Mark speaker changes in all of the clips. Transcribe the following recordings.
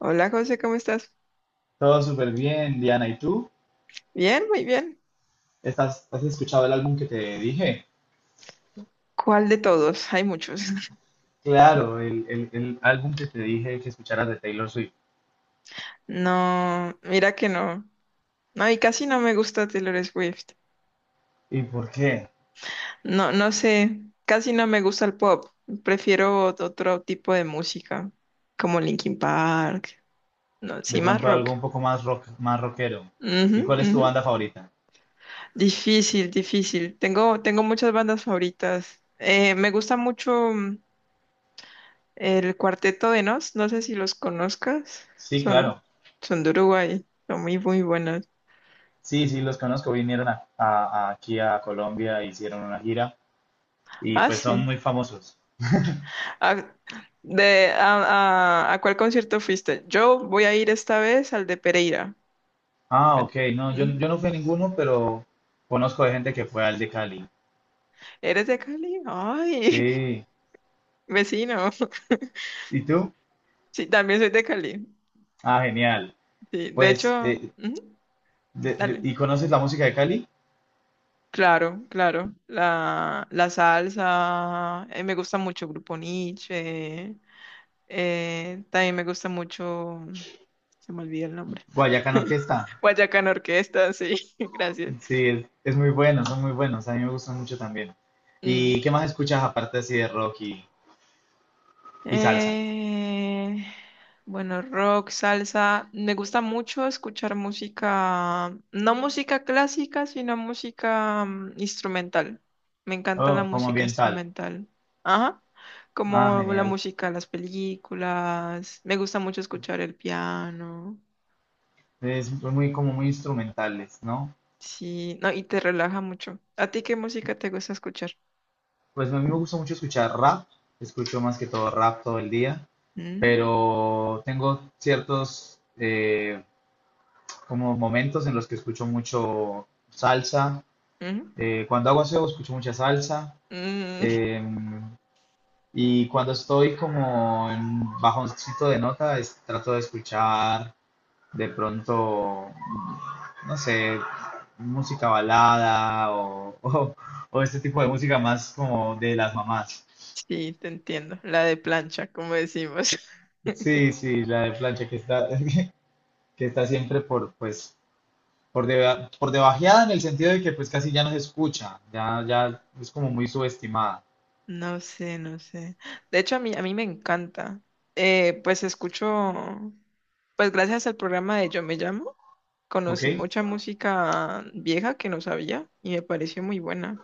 Speaker 1: Hola José, ¿cómo estás?
Speaker 2: Todo súper bien, Diana. ¿Y tú?
Speaker 1: Bien, muy bien.
Speaker 2: Has escuchado el álbum que te dije?
Speaker 1: ¿Cuál de todos? Hay muchos.
Speaker 2: Claro, el álbum que te dije que escucharas de Taylor Swift.
Speaker 1: No, mira que no. No, y casi no me gusta Taylor Swift.
Speaker 2: ¿Y por qué?
Speaker 1: No, no sé, casi no me gusta el pop. Prefiero otro tipo de música, como Linkin Park, no, sí,
Speaker 2: De
Speaker 1: más
Speaker 2: pronto algo
Speaker 1: rock.
Speaker 2: un poco más rock, más rockero.
Speaker 1: Ujú,
Speaker 2: ¿Y cuál es tu
Speaker 1: ujú.
Speaker 2: banda favorita?
Speaker 1: Difícil, difícil. Tengo muchas bandas favoritas. Me gusta mucho. El Cuarteto de Nos, no sé si los conozcas,
Speaker 2: Sí,
Speaker 1: son,
Speaker 2: claro.
Speaker 1: son de Uruguay, son muy, muy buenos.
Speaker 2: Sí, sí, los conozco. Vinieron aquí a Colombia, hicieron una gira y
Speaker 1: Ah,
Speaker 2: pues son
Speaker 1: sí.
Speaker 2: muy famosos.
Speaker 1: ¿A, de, a- ¿A cuál concierto fuiste? Yo voy a ir esta vez al de Pereira.
Speaker 2: Ah,
Speaker 1: Ve-
Speaker 2: ok. No, yo
Speaker 1: Ujú.
Speaker 2: no fui a ninguno, pero conozco de gente que fue al de Cali.
Speaker 1: ¿Eres de Cali? Ay,
Speaker 2: Sí.
Speaker 1: vecino.
Speaker 2: ¿Y tú?
Speaker 1: Sí, también soy de Cali.
Speaker 2: Ah, genial.
Speaker 1: Sí, de
Speaker 2: Pues
Speaker 1: hecho, ujú, dale.
Speaker 2: ¿y conoces la música de Cali?
Speaker 1: Claro, claro. La salsa, me gusta mucho Grupo Niche. También me gusta mucho, se me olvida el nombre.
Speaker 2: Guayacán Orquesta.
Speaker 1: Guayacán Orquesta, sí, gracias.
Speaker 2: Sí, es muy bueno, son muy buenos. A mí me gustan mucho también.
Speaker 1: Mm.
Speaker 2: ¿Y qué más escuchas aparte así de rock y salsa?
Speaker 1: Eh, bueno, rock, salsa. Me gusta mucho escuchar música, no música clásica, sino música instrumental. Me encanta la
Speaker 2: Oh, como
Speaker 1: música
Speaker 2: ambiental.
Speaker 1: instrumental. Ajá.
Speaker 2: Ah,
Speaker 1: Como la
Speaker 2: genial.
Speaker 1: música de las películas. Me gusta mucho escuchar el piano.
Speaker 2: Es muy como muy instrumentales, ¿no?
Speaker 1: Sí, no, y te relaja mucho. ¿A ti qué música te gusta escuchar?
Speaker 2: Pues a mí me gusta mucho escuchar rap. Escucho más que todo rap todo el día.
Speaker 1: Mm,
Speaker 2: Pero tengo ciertos como momentos en los que escucho mucho salsa.
Speaker 1: mm,
Speaker 2: Cuando hago aseo escucho mucha salsa.
Speaker 1: mm.
Speaker 2: Em, Y cuando estoy como en bajoncito de nota, trato de escuchar de pronto, no sé, música balada o, o este tipo de música más como de las mamás.
Speaker 1: Sí, te entiendo. La de plancha, como decimos.
Speaker 2: Sí, sí, la de plancha que está, que está siempre pues, por debajeada en el sentido de que pues casi ya no se escucha, ya es como muy subestimada,
Speaker 1: No sé, no sé. De hecho, a mí me encanta. Eh, pues escucho, pues gracias al programa de Yo Me Llamo,
Speaker 2: ¿ok?
Speaker 1: conocí mucha música vieja que no sabía y me pareció muy buena.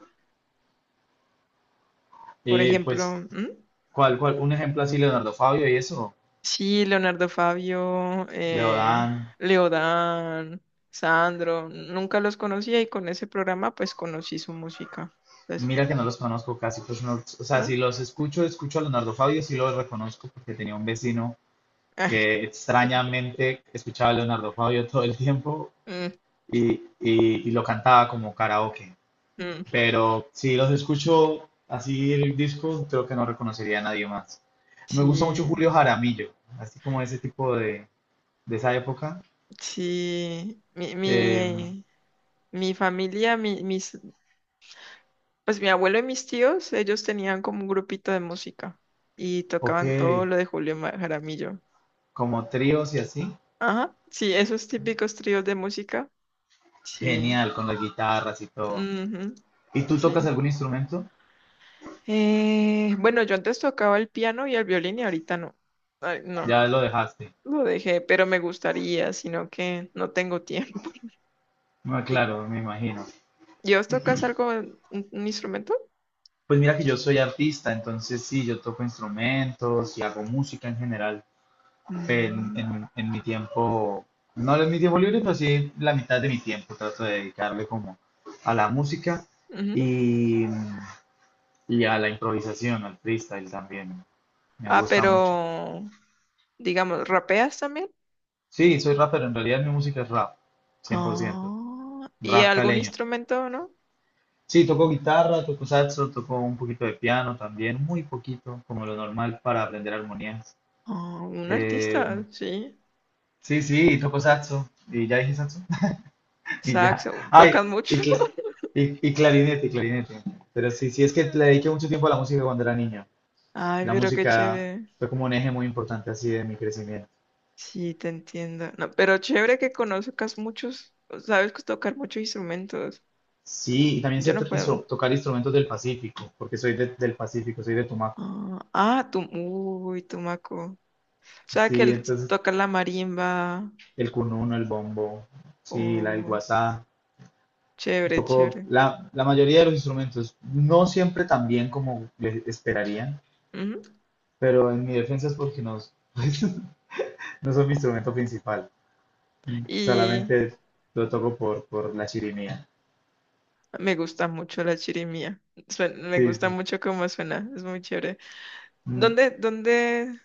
Speaker 1: Por
Speaker 2: Pues,
Speaker 1: ejemplo, ¿mm?
Speaker 2: ¿cuál? Un ejemplo así, Leonardo Fabio y eso,
Speaker 1: Sí, Leonardo Fabio,
Speaker 2: Leodán.
Speaker 1: Leodán, Sandro, nunca los conocía y con ese programa pues conocí su música. Pues,
Speaker 2: Mira que no los conozco casi, pues no, o sea,
Speaker 1: ¿no?
Speaker 2: si los escucho, escucho a Leonardo Fabio, sí los reconozco porque tenía un vecino que extrañamente escuchaba a Leonardo Fabio todo el tiempo
Speaker 1: Mm,
Speaker 2: y, y lo cantaba como karaoke.
Speaker 1: mm.
Speaker 2: Pero si los escucho así el disco, creo que no reconocería a nadie más. Me gusta mucho
Speaker 1: Sí,
Speaker 2: Julio Jaramillo, así como ese tipo de esa época.
Speaker 1: sí. Mi,
Speaker 2: Eh,
Speaker 1: mi, mi familia, pues mi abuelo y mis tíos, ellos tenían como un grupito de música y
Speaker 2: ok,
Speaker 1: tocaban todo lo de Jaramillo.
Speaker 2: como tríos y así.
Speaker 1: Ajá, sí, esos típicos tríos de música. Sí.
Speaker 2: Genial, con las guitarras y todo.
Speaker 1: Ujú,
Speaker 2: ¿Y tú tocas
Speaker 1: sí.
Speaker 2: algún instrumento?
Speaker 1: Bueno, yo antes tocaba el piano y el violín y ahorita no. Ay, no,
Speaker 2: Ya lo dejaste.
Speaker 1: lo dejé, pero me gustaría, sino que no tengo tiempo.
Speaker 2: Ah,
Speaker 1: ¿Y
Speaker 2: claro, me imagino.
Speaker 1: y vos tocas algo, un instrumento?
Speaker 2: Pues mira que yo soy artista, entonces sí, yo toco instrumentos y hago música en general en,
Speaker 1: Mm,
Speaker 2: en- en mi tiempo, no en mi tiempo libre, pero sí la mitad de mi tiempo trato de dedicarle como a la música
Speaker 1: ujú.
Speaker 2: y, y a la improvisación, al freestyle también. Me
Speaker 1: Ah,
Speaker 2: gusta
Speaker 1: pero,
Speaker 2: mucho.
Speaker 1: digamos, ¿rapeas también?
Speaker 2: Sí, soy rapero, en realidad mi música es rap, 100%
Speaker 1: Ah, ¿y
Speaker 2: rap
Speaker 1: algún
Speaker 2: caleño.
Speaker 1: instrumento, no?
Speaker 2: Sí, tocó guitarra, tocó saxo, tocó un poquito de piano también, muy poquito, como lo normal para aprender armonías.
Speaker 1: Ah, un artista,
Speaker 2: Eh,
Speaker 1: sí.
Speaker 2: sí, sí, tocó saxo. ¿Y ya dije saxo? Y ya.
Speaker 1: Saxo,
Speaker 2: Ay,
Speaker 1: ¿tocas
Speaker 2: y,
Speaker 1: mucho?
Speaker 2: cla- y clarinete, Pero sí, sí, es que le dediqué mucho tiempo a la música cuando era niño.
Speaker 1: Ay,
Speaker 2: La
Speaker 1: pero qué
Speaker 2: música
Speaker 1: chévere.
Speaker 2: fue como un eje muy importante así de mi crecimiento.
Speaker 1: Sí, te entiendo. No, pero chévere que conozcas muchos, sabes que tocar muchos instrumentos.
Speaker 2: Sí, y también
Speaker 1: Yo
Speaker 2: sé
Speaker 1: no puedo.
Speaker 2: tocar instrumentos del Pacífico, porque soy del Pacífico, soy de Tumaco.
Speaker 1: Ah, ah, tú, uy, tumaco. O sea, que
Speaker 2: Sí, entonces
Speaker 1: toca la marimba.
Speaker 2: el cununo, el bombo, sí, el
Speaker 1: Oh,
Speaker 2: guasá. Un
Speaker 1: chévere,
Speaker 2: poco
Speaker 1: chévere.
Speaker 2: la mayoría de los instrumentos, no siempre tan bien como les esperarían,
Speaker 1: Ujú.
Speaker 2: pero en mi defensa es porque no, pues, no son mi instrumento principal,
Speaker 1: Y
Speaker 2: solamente lo toco por la chirimía.
Speaker 1: me gusta mucho la chirimía. Me
Speaker 2: Sí,
Speaker 1: gusta
Speaker 2: sí.
Speaker 1: mucho cómo suena. Es muy chévere.
Speaker 2: Mm,
Speaker 1: ¿Dónde, dónde,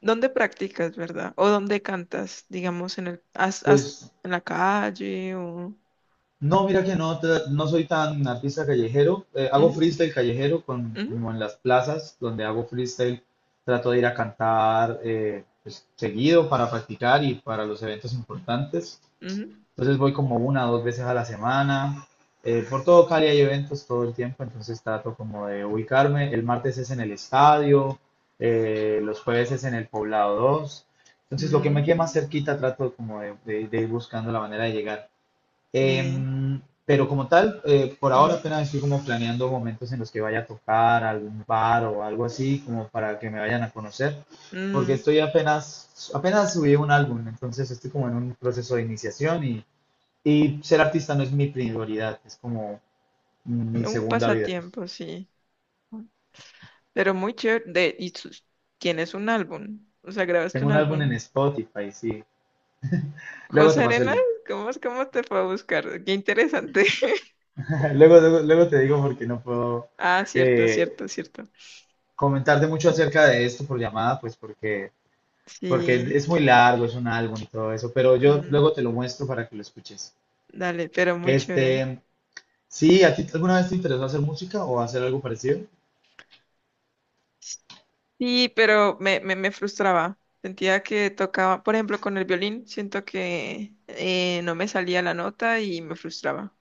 Speaker 1: ¿Dónde practicas, verdad? ¿O dónde cantas? Digamos, en el, has- has-
Speaker 2: Pues
Speaker 1: en la calle o...
Speaker 2: no, mira que no, no soy tan artista callejero, hago
Speaker 1: Ujú,
Speaker 2: freestyle callejero
Speaker 1: ujú.
Speaker 2: como en las plazas donde hago freestyle, trato de ir a cantar pues, seguido para practicar y para los eventos importantes.
Speaker 1: Ujú.
Speaker 2: Entonces voy como una o dos veces a la semana. Por todo Cali hay eventos todo el tiempo, entonces trato como de ubicarme. El martes es en el estadio, los jueves es en el Poblado 2. Entonces lo que me quede más
Speaker 1: Mm,
Speaker 2: cerquita trato como de ir buscando la manera de llegar.
Speaker 1: de,
Speaker 2: Pero como tal, por ahora
Speaker 1: mm,
Speaker 2: apenas estoy como planeando momentos en los que vaya a tocar algún bar o algo así, como para que me vayan a conocer, porque
Speaker 1: mm.
Speaker 2: estoy apenas, apenas subí un álbum, entonces estoy como en un proceso de iniciación y ser artista no es mi prioridad, es como mi
Speaker 1: Un
Speaker 2: segunda vida.
Speaker 1: pasatiempo, sí. Pero muy chévere. Y tienes un álbum. O sea, grabaste
Speaker 2: Tengo
Speaker 1: un
Speaker 2: un álbum en
Speaker 1: álbum.
Speaker 2: Spotify, sí. Luego
Speaker 1: José
Speaker 2: te paso el
Speaker 1: Arenas,
Speaker 2: link.
Speaker 1: ¿cómo te fue a buscar? Qué interesante.
Speaker 2: Luego te digo porque no puedo
Speaker 1: Ah, cierto,
Speaker 2: eh,
Speaker 1: cierto, cierto.
Speaker 2: comentarte mucho acerca de esto por llamada, pues porque
Speaker 1: Sí.
Speaker 2: es muy largo, es un álbum y todo eso, pero yo
Speaker 1: mm,
Speaker 2: luego te lo muestro para que lo escuches.
Speaker 1: Dale, pero muy chévere.
Speaker 2: Este, sí, ¿a ti alguna vez te interesó hacer música o hacer algo parecido?
Speaker 1: Sí, pero me frustraba. Sentía que tocaba, por ejemplo, con el violín, siento que no me salía la nota y me frustraba.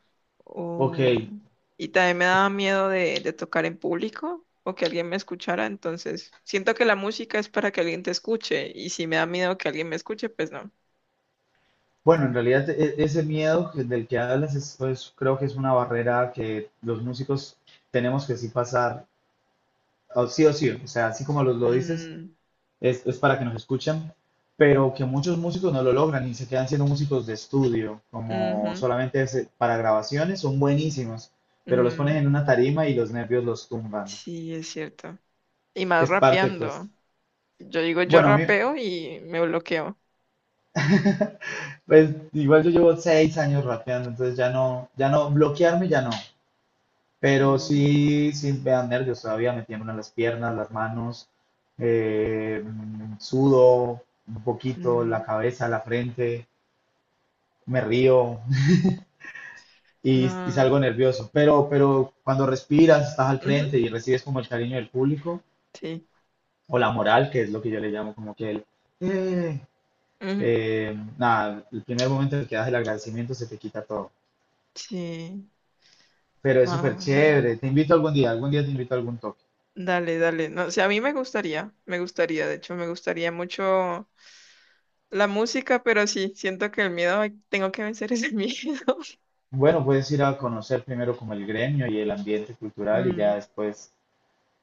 Speaker 2: Ok,
Speaker 1: Um, y también me daba miedo de tocar en público o que alguien me escuchara. Entonces, siento que la música es para que alguien te escuche y si me da miedo que alguien me escuche, pues no.
Speaker 2: bueno, en realidad ese miedo del que hablas creo que es una barrera que los músicos tenemos que sí pasar, o sí o sí, o sea, así como lo dices,
Speaker 1: Mm,
Speaker 2: es para que nos escuchen, pero que muchos músicos no lo logran y se quedan siendo músicos de estudio,
Speaker 1: ujú,
Speaker 2: como solamente para grabaciones, son buenísimos, pero los ponen
Speaker 1: mm,
Speaker 2: en una tarima y los nervios los tumban.
Speaker 1: sí, es cierto. Y más
Speaker 2: Es parte, pues.
Speaker 1: rapeando. Yo digo, yo
Speaker 2: Bueno, a mí,
Speaker 1: rapeo y me bloqueo.
Speaker 2: pues igual yo llevo 6 años rapeando, entonces ya no, ya no, bloquearme ya no. Pero
Speaker 1: Uy,
Speaker 2: sí, sí me dan nervios todavía, me tiemblan las piernas, las manos, eh, sudo un poquito,
Speaker 1: mm,
Speaker 2: la cabeza, la frente, me río y
Speaker 1: no.
Speaker 2: salgo nervioso. Pero cuando respiras, estás al
Speaker 1: Ujú,
Speaker 2: frente y recibes como el cariño del público
Speaker 1: sí,
Speaker 2: o la moral, que es lo que yo le llamo como que el... "Eh",
Speaker 1: ujú,
Speaker 2: nada, el primer momento en el que das el agradecimiento se te quita todo.
Speaker 1: sí.
Speaker 2: Pero es súper
Speaker 1: Ah,
Speaker 2: chévere. Te invito algún día te invito a algún toque.
Speaker 1: dale, dale. No, o sea, a mí me gustaría, de hecho, me gustaría mucho la música, pero sí, siento que el miedo, ay, tengo que vencer ese miedo.
Speaker 2: Bueno, puedes ir a conocer primero como el gremio y el ambiente cultural y ya
Speaker 1: Mm,
Speaker 2: después,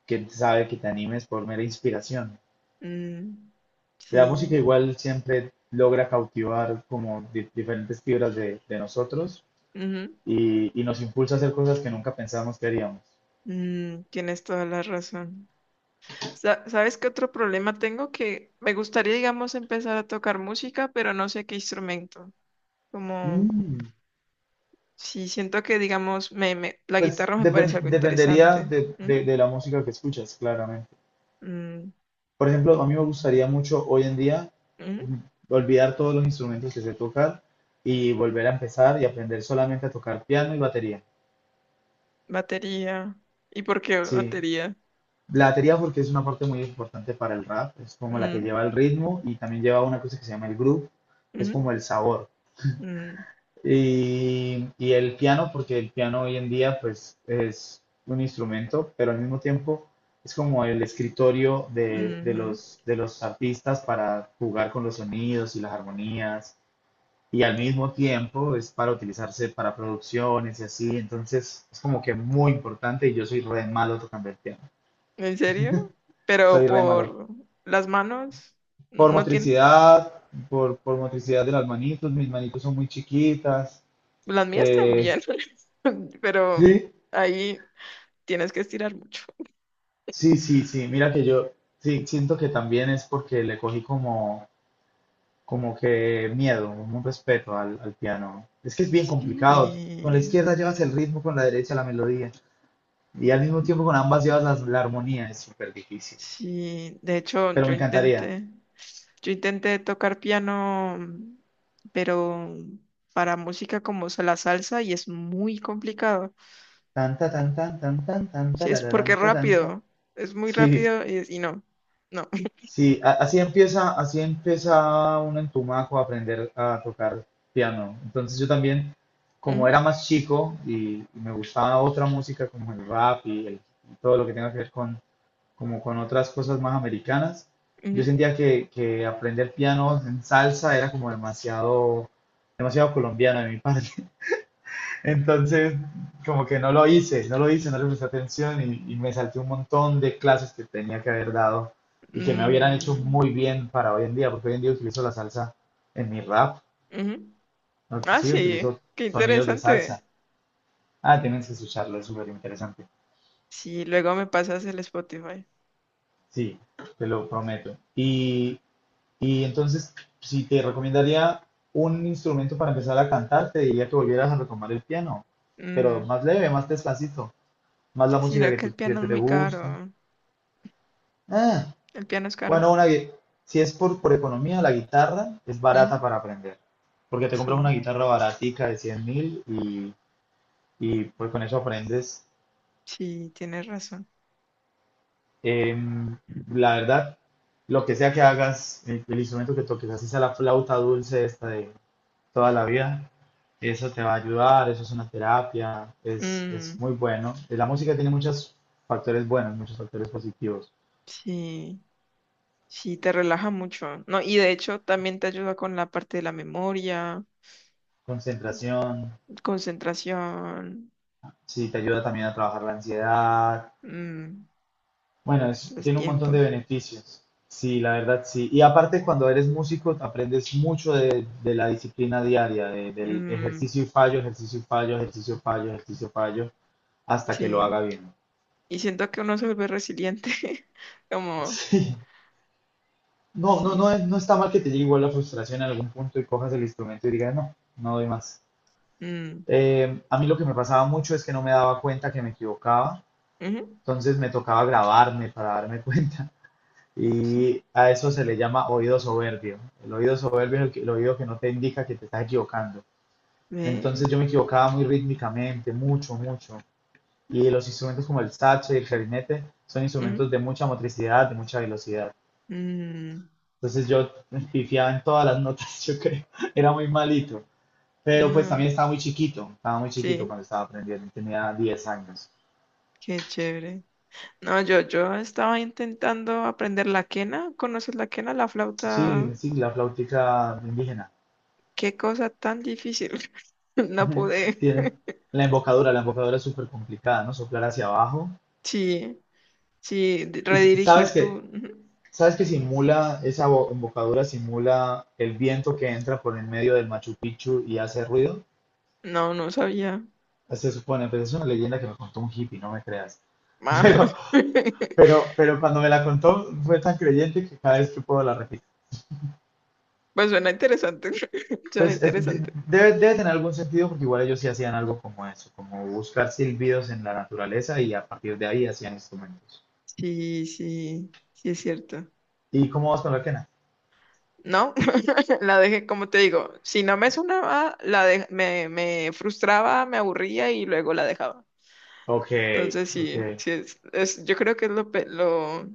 Speaker 2: quién sabe, que te animes por mera inspiración.
Speaker 1: mm,
Speaker 2: La música
Speaker 1: sí,
Speaker 2: igual siempre logra cautivar como diferentes fibras de nosotros
Speaker 1: ujú,
Speaker 2: y nos impulsa a hacer cosas que nunca pensamos que haríamos.
Speaker 1: tienes toda la razón. ¿Sabes qué otro problema tengo? Que me gustaría, digamos, empezar a tocar música, pero no sé qué instrumento. Como
Speaker 2: Mm,
Speaker 1: Sí, siento que, digamos, la
Speaker 2: pues
Speaker 1: guitarra me parece algo
Speaker 2: dependería
Speaker 1: interesante.
Speaker 2: de,
Speaker 1: ¿Mm?
Speaker 2: de- de la música que escuchas, claramente.
Speaker 1: Mm,
Speaker 2: Por ejemplo, a mí me gustaría mucho hoy en día
Speaker 1: mm.
Speaker 2: olvidar todos los instrumentos que sé tocar y volver a empezar y aprender solamente a tocar piano y batería.
Speaker 1: Batería. ¿Y por qué
Speaker 2: Sí,
Speaker 1: batería?
Speaker 2: la batería porque es una parte muy importante para el rap, es como la que
Speaker 1: Mm,
Speaker 2: lleva el ritmo y también lleva una cosa que se llama el groove, que es como
Speaker 1: mm,
Speaker 2: el sabor.
Speaker 1: mm,
Speaker 2: Y el piano porque el piano hoy en día pues es un instrumento, pero al mismo tiempo es como el escritorio de, de
Speaker 1: ujú.
Speaker 2: los, de los artistas para jugar con los sonidos y las armonías y al mismo tiempo es para utilizarse para producciones y así, entonces es como que muy importante y yo soy re malo tocando el piano,
Speaker 1: ¿En serio? Pero
Speaker 2: soy re malo.
Speaker 1: por las manos,
Speaker 2: Por
Speaker 1: no tienen,
Speaker 2: motricidad, por motricidad de las manitos, mis manitos son muy chiquitas.
Speaker 1: las mías
Speaker 2: eh,
Speaker 1: también, pero
Speaker 2: sí,
Speaker 1: ahí tienes que estirar mucho.
Speaker 2: sí, sí, sí, mira que yo sí, siento que también es porque le cogí como que miedo, un respeto al piano. Es que es bien complicado, con la
Speaker 1: Sí.
Speaker 2: izquierda llevas el ritmo, con la derecha la melodía. Y al mismo tiempo con ambas llevas la armonía, es súper difícil.
Speaker 1: Sí, de hecho,
Speaker 2: Pero me encantaría.
Speaker 1: yo intenté tocar piano, pero para música como la salsa y es muy complicado.
Speaker 2: Tan, ta, tan, tan, tan, tan, tan,
Speaker 1: Sí, es porque
Speaker 2: tarararán,
Speaker 1: es
Speaker 2: tarán, tan.
Speaker 1: rápido, es muy
Speaker 2: Sí,
Speaker 1: rápido y no, no.
Speaker 2: sí, así empieza uno en Tumaco a aprender a tocar piano. Entonces yo también, como era
Speaker 1: Ujú,
Speaker 2: más chico y me gustaba otra música como el rap y todo lo que tenga que ver como con otras cosas más americanas, yo
Speaker 1: ujú,
Speaker 2: sentía que aprender piano en salsa era como demasiado, demasiado colombiano de mi parte. Entonces, como que no lo hice, no lo hice, no le presté atención y me salté un montón de clases que tenía que haber dado y que me hubieran hecho
Speaker 1: mm,
Speaker 2: muy bien para hoy en día, porque hoy en día utilizo la salsa en mi rap,
Speaker 1: ujú.
Speaker 2: ¿no?
Speaker 1: Ah,
Speaker 2: Sí,
Speaker 1: sí,
Speaker 2: utilizo
Speaker 1: qué
Speaker 2: sonidos de salsa.
Speaker 1: interesante.
Speaker 2: Ah, tienes que escucharlo, es súper interesante.
Speaker 1: Sí, luego me pasas el Spotify.
Speaker 2: Sí, te lo prometo. Y entonces, si te recomendaría un instrumento para empezar a cantar, te diría que volvieras a retomar el piano, pero
Speaker 1: Mm,
Speaker 2: más leve, más despacito, más la música
Speaker 1: Sino
Speaker 2: que,
Speaker 1: que
Speaker 2: tú-
Speaker 1: el
Speaker 2: que
Speaker 1: piano es
Speaker 2: te
Speaker 1: muy
Speaker 2: gusta.
Speaker 1: caro,
Speaker 2: Ah,
Speaker 1: el piano es caro.
Speaker 2: bueno, si es por economía, la guitarra es
Speaker 1: Ujú.
Speaker 2: barata para aprender, porque te compras una
Speaker 1: Sí,
Speaker 2: guitarra baratica de 100.000 y, pues con eso aprendes.
Speaker 1: sí, tienes razón.
Speaker 2: Em, la verdad, lo que sea que hagas, el instrumento que toques, así sea la flauta dulce esta de toda la vida, eso te va a ayudar, eso es una terapia, es
Speaker 1: Mm.
Speaker 2: muy bueno. La música tiene muchos factores buenos, muchos factores positivos.
Speaker 1: Sí, sí, te relaja mucho, ¿no? Y de hecho también te ayuda con la parte de la memoria,
Speaker 2: Concentración,
Speaker 1: concentración,
Speaker 2: sí, te ayuda también a trabajar la ansiedad.
Speaker 1: mm,
Speaker 2: Bueno,
Speaker 1: los
Speaker 2: tiene un montón de
Speaker 1: tiempos.
Speaker 2: beneficios. Sí, la verdad sí. Y aparte cuando eres músico aprendes mucho de la disciplina diaria, del
Speaker 1: mm,
Speaker 2: ejercicio y fallo, ejercicio y fallo, ejercicio y fallo, ejercicio y fallo, hasta que lo
Speaker 1: sí,
Speaker 2: haga bien.
Speaker 1: y siento que uno se vuelve resiliente, como,
Speaker 2: Sí. No, no,
Speaker 1: sí.
Speaker 2: no, no está mal que te llegue igual la frustración en algún punto y cojas el instrumento y digas, no, no doy más.
Speaker 1: Mm,
Speaker 2: A mí lo que me pasaba mucho es que no me daba cuenta que me equivocaba,
Speaker 1: ujú,
Speaker 2: entonces me tocaba grabarme para darme cuenta.
Speaker 1: sí,
Speaker 2: Y a eso se le llama oído soberbio. El oído soberbio es el oído que no te indica que te estás equivocando.
Speaker 1: ve,
Speaker 2: Entonces yo me equivocaba muy rítmicamente, mucho, mucho. Y los instrumentos como el saxo y el clarinete son
Speaker 1: ujú,
Speaker 2: instrumentos de mucha motricidad, de mucha velocidad.
Speaker 1: mm,
Speaker 2: Entonces yo pifiaba en todas las notas, yo creo. Era muy malito. Pero pues
Speaker 1: no,
Speaker 2: también estaba muy chiquito
Speaker 1: sí,
Speaker 2: cuando estaba aprendiendo, tenía 10 años.
Speaker 1: qué chévere. No, yo estaba intentando aprender la quena. ¿Conoces la quena, la flauta?
Speaker 2: Sí, sí, la flautica indígena.
Speaker 1: Qué cosa tan difícil. No pude.
Speaker 2: Tiene- la embocadura es súper complicada, ¿no? Soplar hacia abajo.
Speaker 1: Sí, sí,
Speaker 2: Y sabes
Speaker 1: redirigir
Speaker 2: que,
Speaker 1: tu...
Speaker 2: sabes que simula, esa embocadura simula el viento que entra por en medio del Machu Picchu y hace ruido.
Speaker 1: No, no sabía.
Speaker 2: Se supone, pues es una leyenda que me contó un hippie, no me creas.
Speaker 1: Ah,
Speaker 2: Pero, pero cuando me la contó fue tan creyente que cada vez que puedo la repito.
Speaker 1: Pues suena interesante. Suena
Speaker 2: Pues
Speaker 1: interesante.
Speaker 2: debe tener algún sentido porque igual ellos sí hacían algo como eso, como buscar silbidos en la naturaleza y a partir de ahí hacían instrumentos.
Speaker 1: Sí, sí, sí es cierto.
Speaker 2: ¿Y cómo vas con la quena?
Speaker 1: No, la dejé, como te digo, si no me sonaba, me frustraba, me aburría y luego la dejaba.
Speaker 2: Ok,
Speaker 1: Entonces,
Speaker 2: ok.
Speaker 1: sí, yo creo que es lo, pe- lo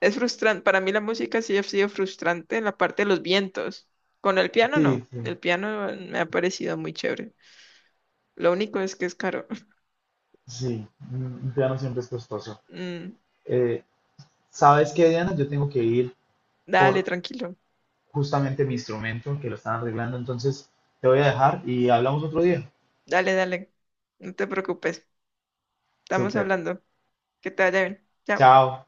Speaker 1: es frustrante, para mí la música sí ha sido frustrante en la parte de los vientos. Con el piano
Speaker 2: Sí,
Speaker 1: no,
Speaker 2: sí,
Speaker 1: el piano me ha parecido muy chévere. Lo único es que es caro.
Speaker 2: sí. Un piano siempre es costoso.
Speaker 1: Mm,
Speaker 2: Eh, ¿Sabes qué, Diana? Yo tengo que ir
Speaker 1: Dale,
Speaker 2: por
Speaker 1: tranquilo,
Speaker 2: justamente mi instrumento que lo están arreglando, entonces te voy a dejar y hablamos otro día.
Speaker 1: dale, dale, no te preocupes, estamos
Speaker 2: Súper.
Speaker 1: hablando, que te vaya bien. Chao.
Speaker 2: Chao.